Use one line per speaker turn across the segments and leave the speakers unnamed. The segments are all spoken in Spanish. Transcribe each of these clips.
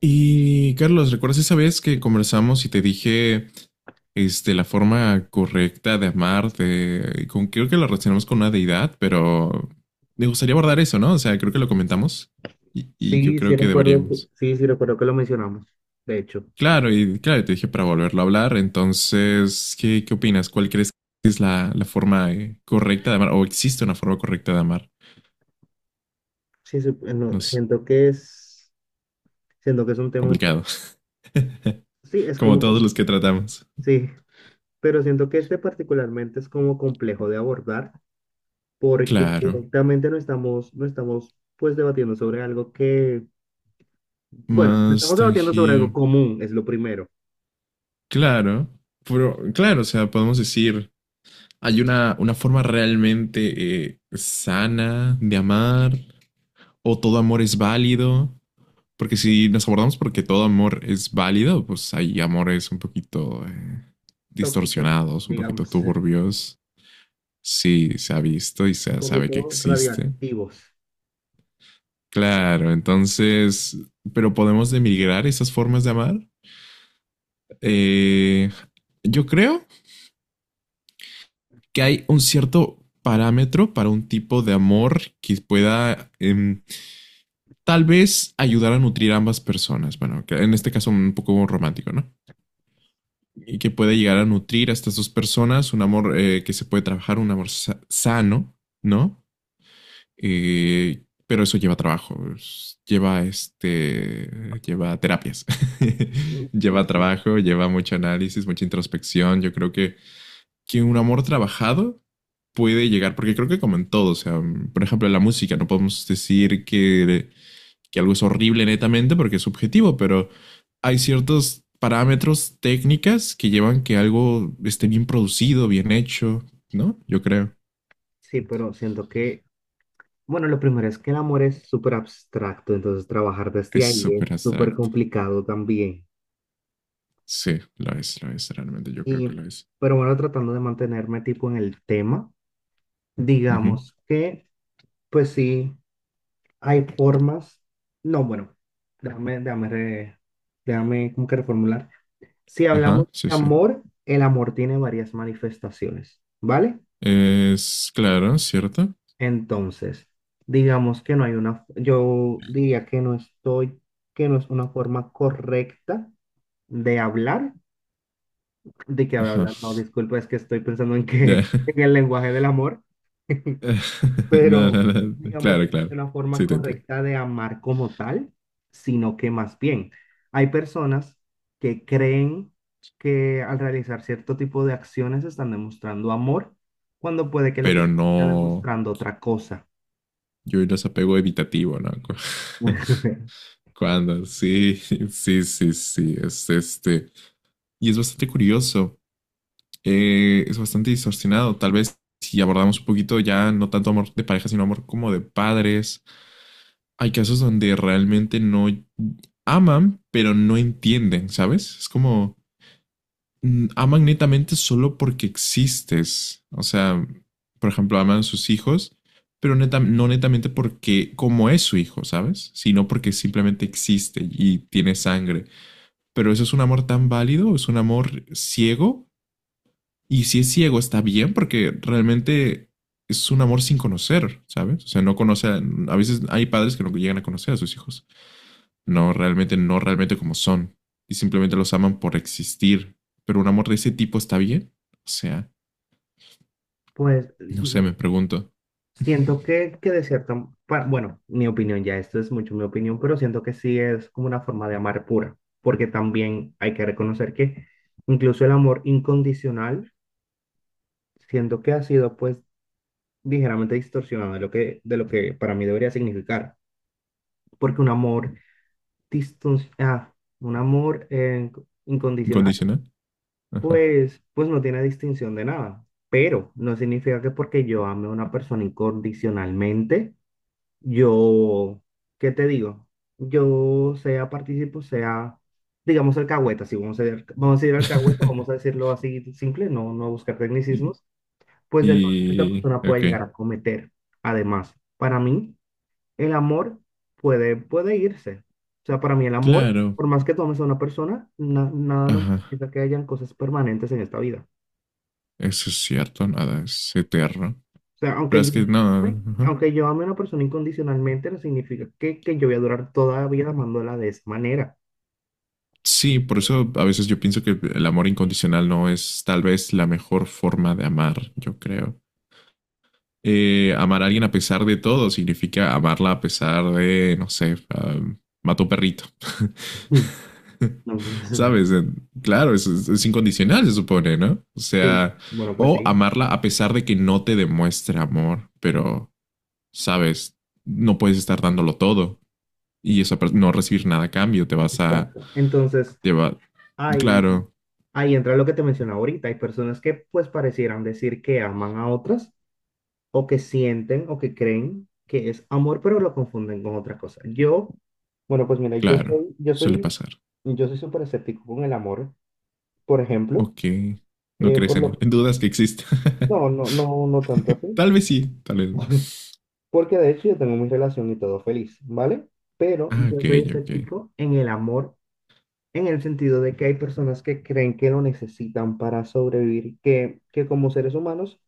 Y Carlos, ¿recuerdas esa vez que conversamos y te dije la forma correcta de amar? Creo que lo relacionamos con una deidad, pero me gustaría abordar eso, ¿no? O sea, creo que lo comentamos y yo
Sí, sí
creo que
recuerdo, que-
deberíamos.
sí, sí recuerdo que lo mencionamos. De hecho,
Claro, y claro, te dije para volverlo a hablar. Entonces, ¿qué opinas? ¿Cuál crees que es la forma correcta de amar? ¿O existe una forma correcta de amar?
sí, sí, no,
No sé,
siento que es un tema un
complicado.
poco. Sí, es
Como
como,
todos los que tratamos.
sí, pero siento que este particularmente es como complejo de abordar porque
Claro,
directamente no estamos pues debatiendo sobre algo que, bueno, no
más
estamos debatiendo sobre algo
tangible.
común, es lo primero.
Claro, pero claro, o sea, podemos decir, hay una forma realmente sana de amar, o todo amor es válido, porque si nos abordamos porque todo amor es válido, pues hay amores un poquito
Tóxicos,
distorsionados, un poquito
digamos,
turbios, sí, se ha visto y
un
se sabe que
poquito
existe.
radioactivos.
Claro, entonces, pero podemos demigrar esas formas de amar. Eh, yo creo que hay un cierto parámetro para un tipo de amor que pueda tal vez ayudar a nutrir a ambas personas. Bueno, que en este caso un poco romántico, ¿no? Y que pueda llegar a nutrir a estas dos personas, un amor que se puede trabajar, un amor sano, ¿no? Pero eso lleva trabajo, lleva lleva terapias, lleva
Pues sí,
trabajo, lleva mucho análisis, mucha introspección. Yo creo que un amor trabajado puede llegar, porque creo que como en todo, o sea, por ejemplo, la música, no podemos decir que algo es horrible netamente porque es subjetivo, pero hay ciertos parámetros técnicas que llevan que algo esté bien producido, bien hecho, ¿no? Yo creo.
sí, pero siento que, bueno, lo primero es que el amor es súper abstracto, entonces trabajar desde
Es
ahí es
súper
súper
abstracto.
complicado también.
Sí, lo es, realmente yo creo
Y,
que lo es.
pero bueno, tratando de mantenerme tipo en el tema,
Ujú.
digamos que, pues sí, hay formas, no, bueno, déjame, déjame, re- déjame como que reformular. Si hablamos
Ajá, sí,
de
sí.
amor, el amor tiene varias manifestaciones, ¿vale?
Es claro, ¿cierto?
Entonces, digamos que no hay una, yo diría que no estoy, que no es una forma correcta de hablar, de que
Ajá.
hablar, no, disculpa, es que estoy pensando en
Ya.
que en el lenguaje del amor.
No, no,
Pero
no.
digamos que
Claro,
no es
claro.
una forma
Sí, te entiendo.
correcta de amar como tal, sino que más bien hay personas que creen que al realizar cierto tipo de acciones están demostrando amor, cuando puede que lo que
Pero
está
no.
demostrando otra cosa.
Yo no es apego evitativo, ¿no? Cuando, sí, sí, sí, sí, es este. Y es bastante curioso, es bastante distorsionado. Tal vez si abordamos un poquito ya no tanto amor de pareja, sino amor como de padres, hay casos donde realmente no aman, pero no entienden, ¿sabes? Es como aman netamente solo porque existes. O sea, por ejemplo, aman a sus hijos, pero no netamente porque como es su hijo, ¿sabes? Sino porque simplemente existe y tiene sangre. Pero eso es un amor tan válido, es un amor ciego. Y si es ciego, está bien porque realmente es un amor sin conocer, ¿sabes? O sea, no conoce, a veces hay padres que no llegan a conocer a sus hijos. No realmente, no realmente como son. Y simplemente los aman por existir. Pero un amor de ese tipo está bien. O sea,
Pues,
no sé, me pregunto.
siento que, de cierta, bueno, mi opinión ya, esto es mucho mi opinión, pero siento que sí es como una forma de amar pura, porque también hay que reconocer que incluso el amor incondicional, siento que ha sido pues ligeramente distorsionado de lo que, para mí debería significar, porque un amor diston- ah, un amor incondicional,
¿Incondicional? Ajá.
pues no tiene distinción de nada, pero no significa que porque yo ame a una persona incondicionalmente. Yo, ¿qué te digo? Yo sea participo, sea, digamos, alcahueta, si vamos a decir alcahueta, vamos a decirlo así simple, no, no buscar
y,
tecnicismos, pues de todo lo que esta persona
Ok.
puede llegar a cometer. Además, para mí, el amor puede irse. O sea, para mí el amor,
Claro.
por más que tomes a una persona, nada nos
Ajá.
quita que hayan cosas permanentes en esta vida.
Eso es cierto, nada, es eterno.
O sea,
Pero es que no. Ajá.
aunque yo ame a una persona incondicionalmente, no significa que yo voy a durar toda la vida amándola de esa manera.
Sí, por eso a veces yo pienso que el amor incondicional no es tal vez la mejor forma de amar, yo creo. Amar a alguien a pesar de todo significa amarla a pesar de, no sé, mató perrito,
Mm. No, pues,
¿sabes? Claro, es incondicional, se supone, ¿no? O
sí,
sea,
bueno, pues
o
sí,
amarla a pesar de que no te demuestre amor, pero, ¿sabes? No puedes estar dándolo todo y esa no recibir nada a cambio, te vas a,
exacto. Entonces,
te va-
ahí,
claro,
ahí entra lo que te mencionaba ahorita. Hay personas que pues parecieran decir que aman a otras o que sienten o que creen que es amor, pero lo confunden con otra cosa. Yo, bueno, pues mira,
claro, suele pasar.
yo soy súper escéptico con el amor, por ejemplo,
Ok, no
eh, por
crees en él,
lo,
en dudas que exista.
no, no, no, no tanto así.
Tal vez sí, tal vez no.
Porque de hecho yo tengo mi relación y todo feliz, ¿vale? Pero
Ah,
yo
ok,
soy
ok.
escéptico en el amor, en el sentido de que hay personas que creen que lo necesitan para sobrevivir, que como seres humanos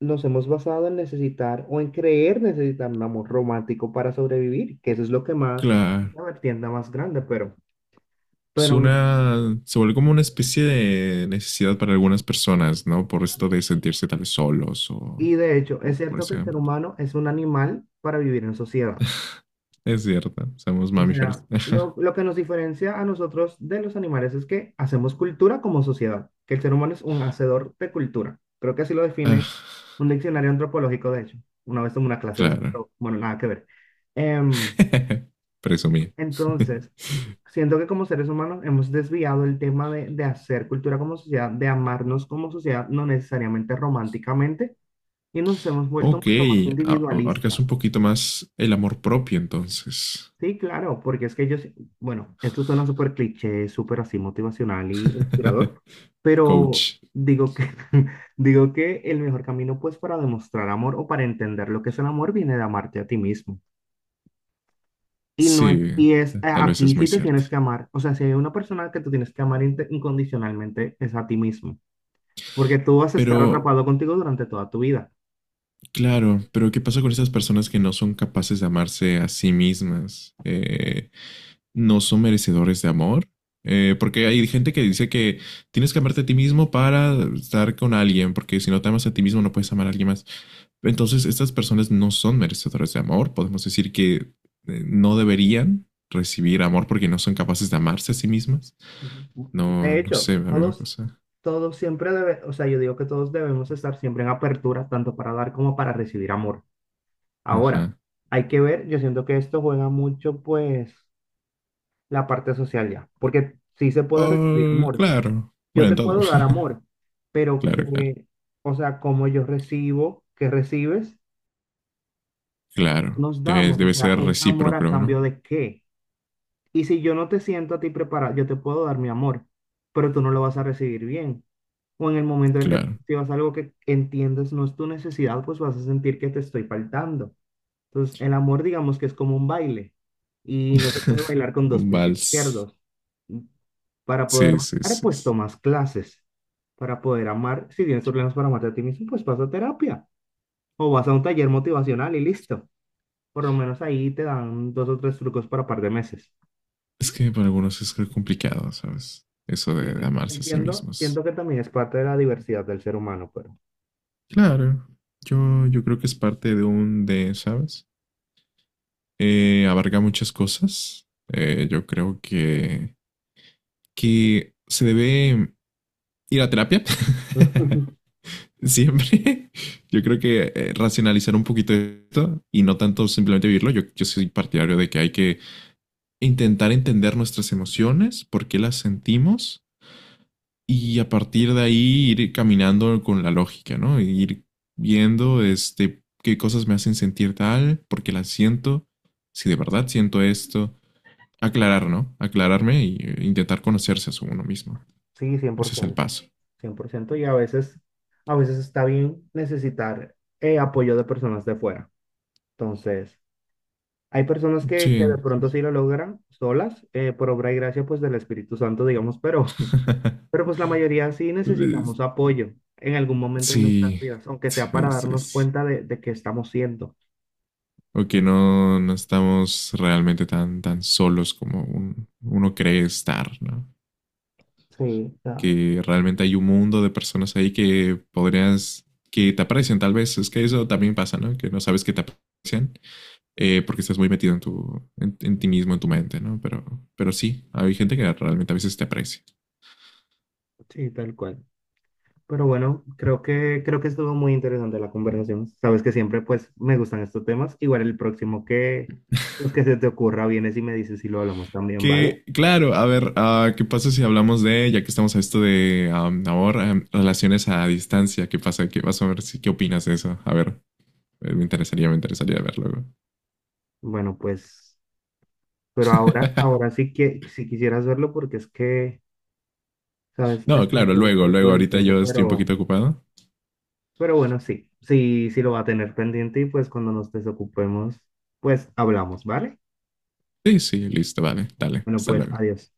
nos hemos basado en necesitar o en creer necesitar un amor romántico para sobrevivir, que eso es lo que más,
Claro,
la vertiente más grande, pero,
se vuelve como una especie de necesidad para algunas personas, ¿no? Por esto de sentirse tal vez solos
y
o,
de hecho, es
o por
cierto que
ese
el ser
ámbito.
humano es un animal para vivir en sociedad.
Es cierto, somos
O
mamíferos.
sea, lo que nos diferencia a nosotros de los animales es que hacemos cultura como sociedad, que el ser humano es un hacedor de cultura. Creo que así lo define
Ah,
un diccionario antropológico, de hecho. Una vez tomé una clase de eso,
claro,
pero bueno, nada que ver. Em,
presumí.
entonces, siento que como seres humanos hemos desviado el tema de hacer cultura como sociedad, de amarnos como sociedad, no necesariamente románticamente, y nos hemos vuelto
Ok,
mucho más
abarcas un
individualistas.
poquito más el amor propio entonces,
Sí, claro, porque es que yo, bueno, esto suena súper cliché, súper así motivacional y inspirador, pero
coach.
digo que, digo que el mejor camino pues para demostrar amor o para entender lo que es el amor viene de amarte a ti mismo. Y no es,
Sí,
y es
tal
a
vez
ti
es
si
muy
te
cierto.
tienes que amar, o sea, si hay una persona que tú tienes que amar incondicionalmente es a ti mismo, porque tú vas a estar
Pero
atrapado contigo durante toda tu vida.
claro, pero ¿qué pasa con esas personas que no son capaces de amarse a sí mismas? ¿No son merecedores de amor? Porque hay gente que dice que tienes que amarte a ti mismo para estar con alguien, porque si no te amas a ti mismo no puedes amar a alguien más. Entonces, estas personas no son merecedoras de amor. Podemos decir que no deberían recibir amor porque no son capaces de amarse a sí mismas.
Ujú.
No,
De
no sé,
hecho,
a mí me cosa.
todos siempre debe, o sea, yo digo que todos debemos estar siempre en apertura, tanto para dar como para recibir amor. Ahora,
Ajá.
hay que ver, yo siento que esto juega mucho, pues, la parte social ya, porque sí se puede recibir
Oh,
amor.
claro.
Yo
Bueno, en
te
todo.
puedo dar amor, pero
Claro, claro.
que, o sea, como yo recibo, que recibes, o sea, ¿qué
Claro,
nos damos? O
debe
sea,
ser
¿es amor a
recíproco,
cambio
¿no?
de qué? Y si yo no te siento a ti preparado, yo te puedo dar mi amor, pero tú no lo vas a recibir bien. O en el momento en el que tú
Claro,
recibas algo que entiendes no es tu necesidad, pues vas a sentir que te estoy faltando. Entonces, el amor, digamos que es como un baile y no se puede bailar con dos
un
pies
vals.
izquierdos. Para poder
Sí, sí,
bailar,
sí.
pues
Sí.
tomas clases. Para poder amar, si tienes problemas para amarte a ti mismo, pues vas a terapia o vas a un taller motivacional y listo. Por lo menos ahí te dan dos o tres trucos para par de meses.
Es que para algunos es creo, complicado, ¿sabes? Eso de
Sí,
amarse a sí
entiendo, siento
mismos.
que también es parte de la diversidad del ser humano, pero
Claro, yo creo que es parte de un ¿sabes? Abarca muchas cosas. Yo creo que se debe ir a terapia. Siempre. Yo creo que racionalizar un poquito esto y no tanto simplemente vivirlo. Yo soy partidario de que hay que intentar entender nuestras emociones, por qué las sentimos y a partir de ahí ir caminando con la lógica, ¿no? Ir viendo qué cosas me hacen sentir tal, por qué las siento, si de verdad siento esto, aclarar, ¿no? Aclararme e intentar conocerse a uno mismo.
sí, cien cien por
Ese es el
ciento
paso.
cien por ciento Y a veces está bien necesitar apoyo de personas de fuera. Entonces, hay personas que de
Sí.
pronto sí lo logran solas, por obra y gracia pues del Espíritu Santo, digamos, pero pues la mayoría sí necesitamos apoyo en algún momento de nuestras
Sí.
vidas, aunque sea para
Sí, sí,
darnos
sí.
cuenta de qué estamos siendo.
Ok, no estamos realmente tan, tan solos como uno cree estar, ¿no?
Sí, ah,
Que realmente hay un mundo de personas ahí que podrías, que te aprecian tal vez. Es que eso también pasa, ¿no? Que no sabes que te aprecian porque estás muy metido en ti mismo, en tu mente, ¿no? Pero sí, hay gente que realmente a veces te aprecia.
sí, tal cual. Pero bueno, creo que estuvo muy interesante la conversación. Sabes que siempre pues me gustan estos temas. Igual el próximo que, pues, que se te ocurra, vienes y me dices si lo hablamos también, ¿vale?
Que, claro, a ver, ¿qué pasa si hablamos de, ya que estamos a esto de amor, relaciones a distancia? ¿Qué pasa? ¿Qué vas a ver? Si, ¿qué opinas de eso? A ver, me interesaría ver luego.
Bueno, pues, pero ahora sí que si quisieras verlo porque es que, sabes,
No,
estoy un
claro,
poco
luego,
corto
luego,
del
ahorita
tiempo,
yo estoy un poquito ocupado.
pero bueno, sí, sí, sí lo va a tener pendiente y pues cuando nos desocupemos, pues hablamos, ¿vale?
Sí, sí, listo, vale, dale,
Bueno,
hasta
pues
luego.
adiós.